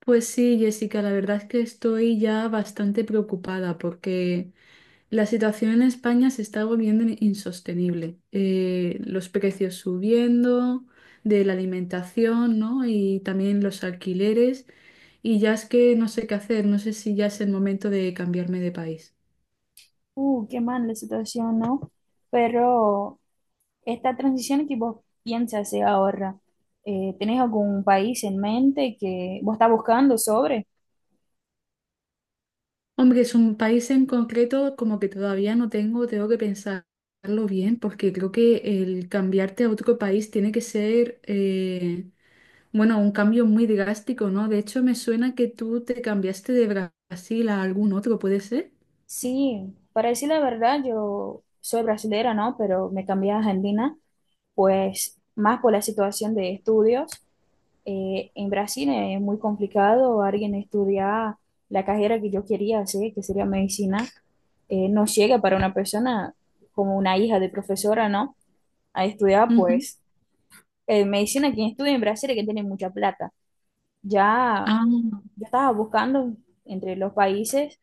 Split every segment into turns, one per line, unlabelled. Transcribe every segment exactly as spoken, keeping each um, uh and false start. Pues sí, Jessica, la verdad es que estoy ya bastante preocupada porque la situación en España se está volviendo in- insostenible. Eh, los precios subiendo de la alimentación, ¿no? Y también los alquileres. Y ya es que no sé qué hacer, no sé si ya es el momento de cambiarme de país.
Uh, qué mal la situación, ¿no? Pero esta transición que vos piensas hacer ahora, eh, ¿tenés algún país en mente que vos estás buscando sobre?
Hombre, es un país en concreto como que todavía no tengo, tengo que pensarlo bien porque creo que el cambiarte a otro país tiene que ser... eh, Bueno, un cambio muy drástico, ¿no? De hecho, me suena que tú te cambiaste de Bra- Brasil a algún otro, ¿puede ser?
Sí, para decir la verdad, yo soy brasilera, ¿no? Pero me cambié a Argentina, pues más por la situación de estudios. Eh, en Brasil es muy complicado alguien estudiar la carrera que yo quería hacer, que sería medicina. Eh, no llega para una persona como una hija de profesora, ¿no? Ahí estudiaba
Ujú.
pues eh, medicina, quien estudia en Brasil, hay que tiene mucha plata. Ya
Ah,
yo estaba buscando entre los países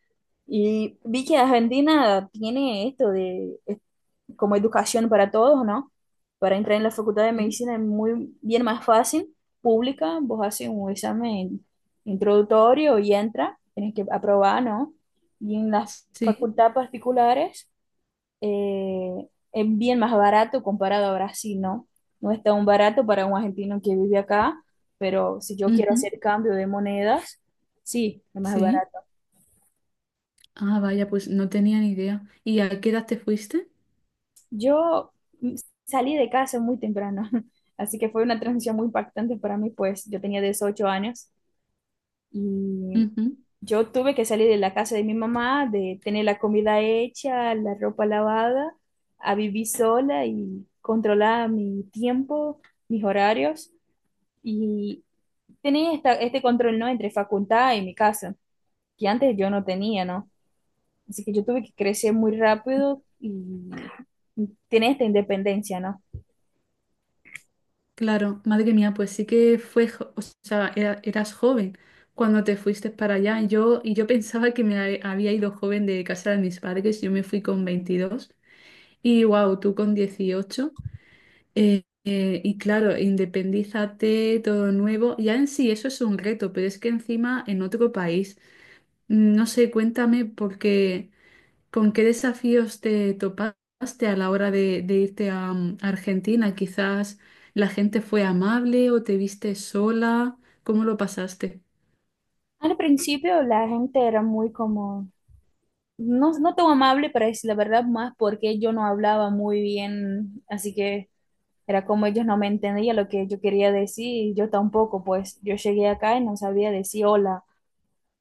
y vi que Argentina tiene esto de es como educación para todos, ¿no? Para entrar en la facultad de
sí.
medicina es muy bien más fácil, pública, vos haces un examen introductorio y entra, tienes que aprobar, ¿no? Y en las
Sí.
facultades particulares eh, es bien más barato comparado a Brasil, ¿no? No es tan barato para un argentino que vive acá, pero si yo quiero
Ujú.
hacer cambio de monedas, sí, es más
Sí.
barato.
Ah, vaya, pues no tenía ni idea. ¿Y a qué edad te fuiste?
Yo mm, salí de casa muy temprano, así que fue una transición muy impactante para mí, pues yo tenía dieciocho años y
Ujú.
yo tuve que salir de la casa de mi mamá, de tener la comida hecha, la ropa lavada, a vivir sola y controlar mi tiempo, mis horarios. Y tenés esta, este control, ¿no? Entre facultad y mi casa, que antes yo no tenía, ¿no? Así que yo tuve que crecer muy rápido y tenés esta independencia, ¿no?
Claro, madre mía, pues sí que fue, jo- o sea, era- eras joven cuando te fuiste para allá. Yo, y yo pensaba que me ha- había ido joven de casa de mis padres, yo me fui con veintidós y wow, tú con dieciocho. Eh, eh, y claro, independízate, todo nuevo. Ya en sí eso es un reto, pero es que encima en otro país. Mm, no sé, cuéntame porque con qué desafíos te topaste a la hora de, de irte a, mm, a Argentina. Quizás la gente fue amable o te viste sola. ¿Cómo lo pasaste?
Al principio la gente era muy como, no, no tan amable para decir la verdad, más porque yo no hablaba muy bien, así que era como ellos no me entendían lo que yo quería decir, y yo tampoco, pues yo llegué acá y no sabía decir hola,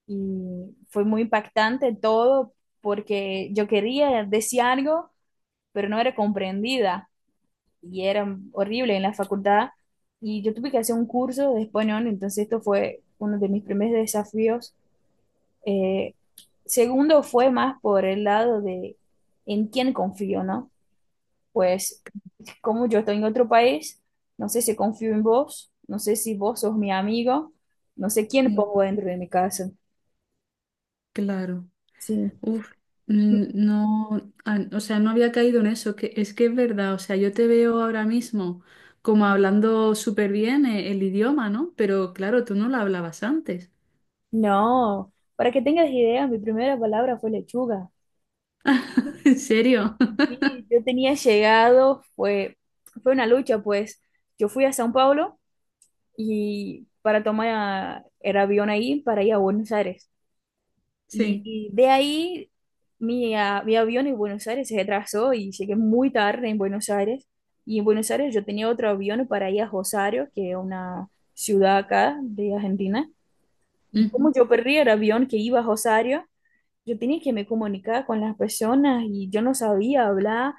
y fue muy impactante todo porque yo quería decir algo pero no era comprendida y era horrible en la facultad. Y yo tuve que hacer un curso de español, entonces esto fue uno de mis primeros desafíos. Eh, Segundo fue más por el lado de en quién confío, ¿no? Pues como yo estoy en otro país, no sé si confío en vos, no sé si vos sos mi amigo, no sé quién
Sí,
pongo dentro de mi casa.
claro.
Sí.
Uf, mm, no, ah, o sea, no había caído en eso, que es que es verdad, o sea, yo te veo ahora mismo como hablando súper bien e- el idioma, ¿no? Pero claro, tú no lo hablabas antes.
No, para que tengas idea, mi primera palabra fue lechuga.
¿En serio?
Sí, yo tenía llegado, fue, fue una lucha, pues yo fui a Sao Paulo y para tomar el avión ahí para ir a Buenos Aires. Y,
Sí.
y de ahí mi, a- mi avión en Buenos Aires se retrasó y llegué muy tarde en Buenos Aires. Y en Buenos Aires yo tenía otro avión para ir a Rosario, que es una ciudad acá de Argentina. Y
Ujú.
como yo perdí el avión que iba a Rosario, yo tenía que me comunicar con las personas y yo no sabía hablar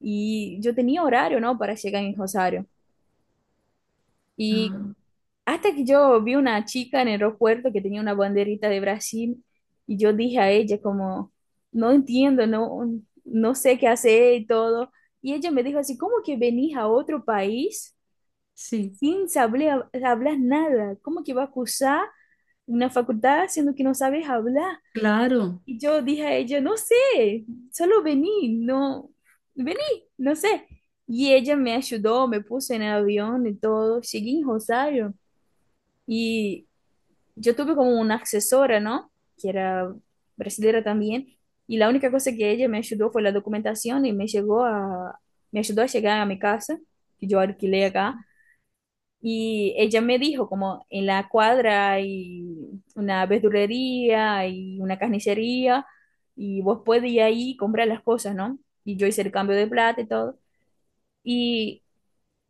y yo tenía horario, ¿no? Para llegar en Rosario. Y
Ah,
hasta que yo vi una chica en el aeropuerto que tenía una banderita de Brasil y yo dije a ella como, no entiendo, no, no sé qué hacer y todo. Y ella me dijo así, ¿cómo que venís a otro país
sí,
sin saber hablar nada? ¿Cómo que vas a cursar una facultad siendo que no sabes hablar?
claro.
Y yo dije a ella, no sé, solo vení, no, vení, no sé. Y ella me ayudó, me puso en el avión y todo. Llegué en Rosario y yo tuve como una asesora, ¿no? Que era brasileña también. Y la única cosa que ella me ayudó fue la documentación y me llegó a, me ayudó a llegar a mi casa, que yo alquilé acá. Y ella me dijo como en la cuadra hay una verdulería y una carnicería y vos podés ir ahí y comprar las cosas, ¿no? Y yo hice el cambio de plata y todo. Y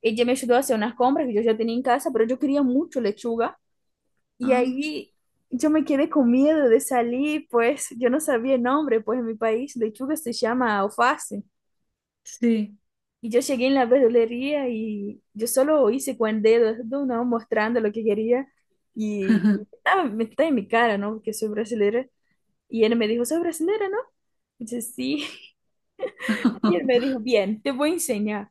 ella me ayudó a hacer unas compras que yo ya tenía en casa, pero yo quería mucho lechuga. Y
Ah,
ahí yo me quedé con miedo de salir, pues yo no sabía el nombre, pues en mi país lechuga se llama alface.
sí.
Y yo llegué en la verdulería y yo solo hice con dedos, ¿no? ¿no? Mostrando lo que quería. Y ah, me está en mi cara, ¿no? Porque soy brasileña. Y él me dijo, ¿soy brasileña, no? Y yo, sí. Y él me dijo, bien, te voy a enseñar.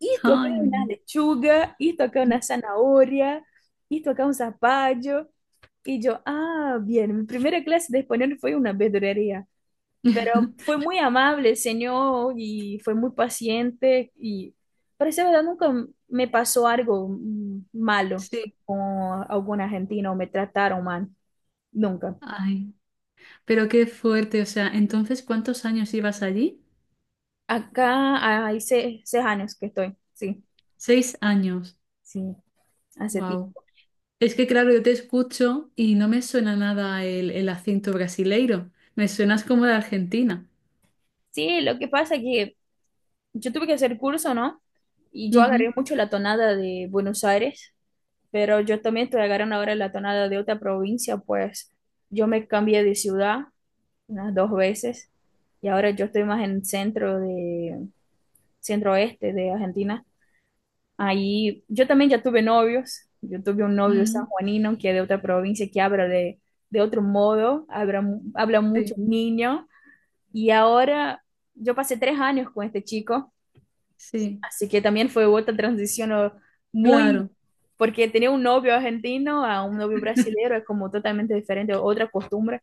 Esto acá
Ay,
es una
mira.
lechuga, esto acá es una zanahoria, esto acá es un zapallo. Y yo, ah, bien, mi primera clase de español fue en una verdulería. Pero fue muy amable el señor y fue muy paciente y parece verdad nunca me pasó algo mm, malo
Sí.
con algún argentino, me trataron mal, nunca.
Ay, pero qué fuerte, o sea, entonces, ¿cuántos años ibas allí?
Acá hay se- seis, años que estoy, sí,
Seis años.
sí, hace tiempo.
Wow. Es que claro, yo te escucho y no me suena nada el, el acento brasileiro. Me suenas como de Argentina.
Sí, lo que pasa es que yo tuve que hacer curso, ¿no? Y yo
Ujú,
agarré mucho la tonada de Buenos Aires, pero yo también estoy agarrando ahora la tonada de otra provincia, pues yo me cambié de ciudad unas dos veces. Y ahora yo estoy más en centro de, centro oeste de Argentina. Ahí yo también ya tuve novios. Yo tuve un novio
ujú.
sanjuanino que es de otra provincia que habla de, de otro modo, habla, mu- habla mucho
Sí,
niño. Y ahora yo pasé tres años con este chico,
sí,
así que también fue otra transición o, muy,
claro.
porque tenía un novio argentino a un novio brasileño, es como totalmente diferente, otra costumbre.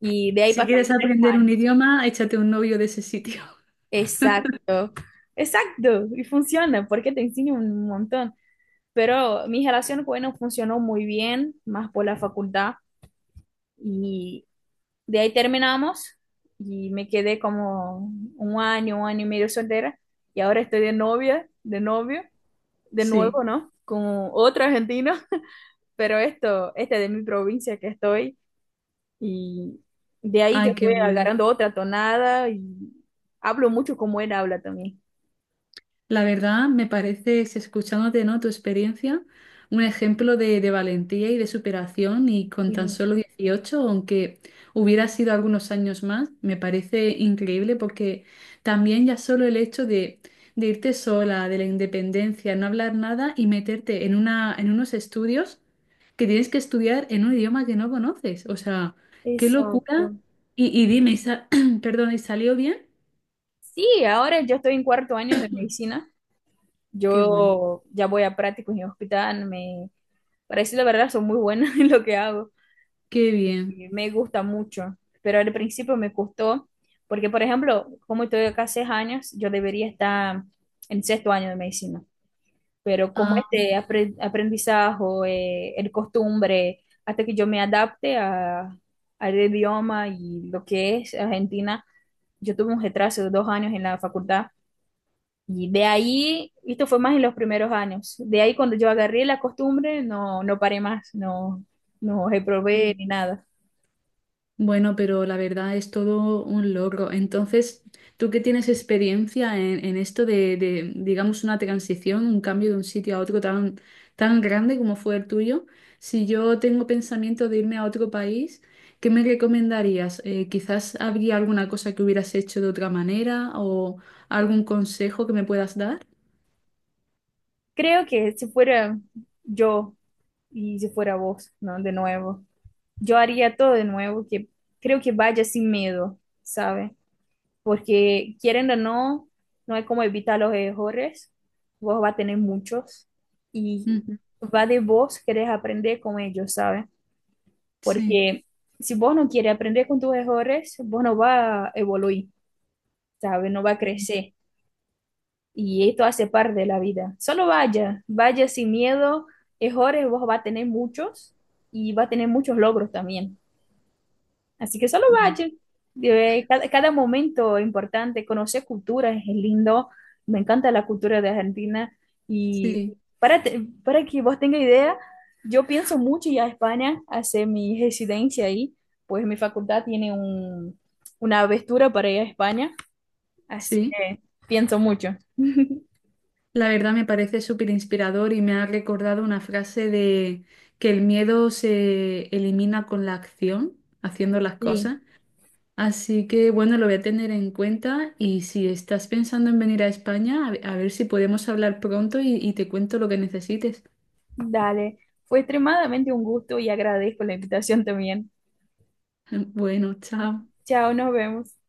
Y de ahí
Si
pasamos
quieres
tres
aprender un
años.
idioma, échate un novio de ese sitio.
Exacto, exacto, y funciona porque te enseña un montón. Pero mi relación, bueno, funcionó muy bien, más por la facultad, y de ahí terminamos y me quedé como un año, un año y medio soltera, y ahora estoy de novia, de novio, de
Sí.
nuevo, ¿no? Con otro argentino, pero esto, este de mi provincia que estoy, y de ahí yo
Ay, qué
estoy
bueno.
agarrando otra tonada y hablo mucho como él habla también.
La verdad, me parece si escuchándote, ¿no? Tu experiencia, un ejemplo de, de valentía y de superación y con tan
Sí.
solo dieciocho, aunque hubiera sido algunos años más, me parece increíble porque también ya solo el hecho de, de irte sola, de la independencia, no hablar nada y meterte en una, en unos estudios que tienes que estudiar en un idioma que no conoces. O sea, qué locura.
Exacto.
Y, y dime, y sa- perdón, ¿y salió bien?
Sí, ahora yo estoy en cuarto año de medicina.
Qué bueno,
Yo ya voy a prácticos en hospital. Me parece la verdad, son muy buenas en lo que hago.
qué bien.
Y me gusta mucho, pero al principio me costó, porque por ejemplo, como estoy acá seis años, yo debería estar en sexto año de medicina. Pero como
Ah,
este apre- aprendizaje, eh, el costumbre, hasta que yo me adapte a, al idioma y lo que es Argentina, yo tuve un retraso de dos años en la facultad. Y de ahí, esto fue más en los primeros años, de ahí cuando yo agarré la costumbre, no, no paré más, no, no reprobé
ok.
ni nada.
Bueno, pero la verdad es todo un logro. Entonces, tú que tienes experiencia en, en esto de, de, digamos, una transición, un cambio de un sitio a otro tan, tan grande como fue el tuyo, si yo tengo pensamiento de irme a otro país, ¿qué me recomendarías? Eh, quizás habría alguna cosa que hubieras hecho de otra manera o algún consejo que me puedas dar.
Creo que si fuera yo y si fuera vos, ¿no? De nuevo, yo haría todo de nuevo, que creo que vaya sin miedo, ¿sabe? Porque quieren o no, no hay como evitar los errores, vos va a tener muchos y
Ujú.
va de vos querés aprender con ellos, ¿sabe?
Sí.
Porque si vos no quieres aprender con tus errores, vos no va a evoluir, ¿sabes? No va a crecer. Y esto hace parte de la vida. Solo vaya, vaya sin miedo. Errores vos va a tener muchos y va a tener muchos logros también. Así que solo
Ujú.
vaya. Eh, Cada, cada momento es importante, conocer culturas es lindo. Me encanta la cultura de Argentina. Y
Sí,
para, te- para que vos tengas idea, yo pienso mucho ir a España, hacer mi residencia ahí, pues mi facultad tiene un, una aventura para ir a España. Así
sí.
que pienso mucho.
La verdad me parece súper inspirador y me ha recordado una frase de que el miedo se elimina con la acción, haciendo las
Sí,
cosas. Así que bueno, lo voy a tener en cuenta y si estás pensando en venir a España, a, a ver si podemos hablar pronto y y te cuento lo que necesites.
dale. Fue extremadamente un gusto y agradezco la invitación también.
Bueno, chao.
Chao, nos vemos.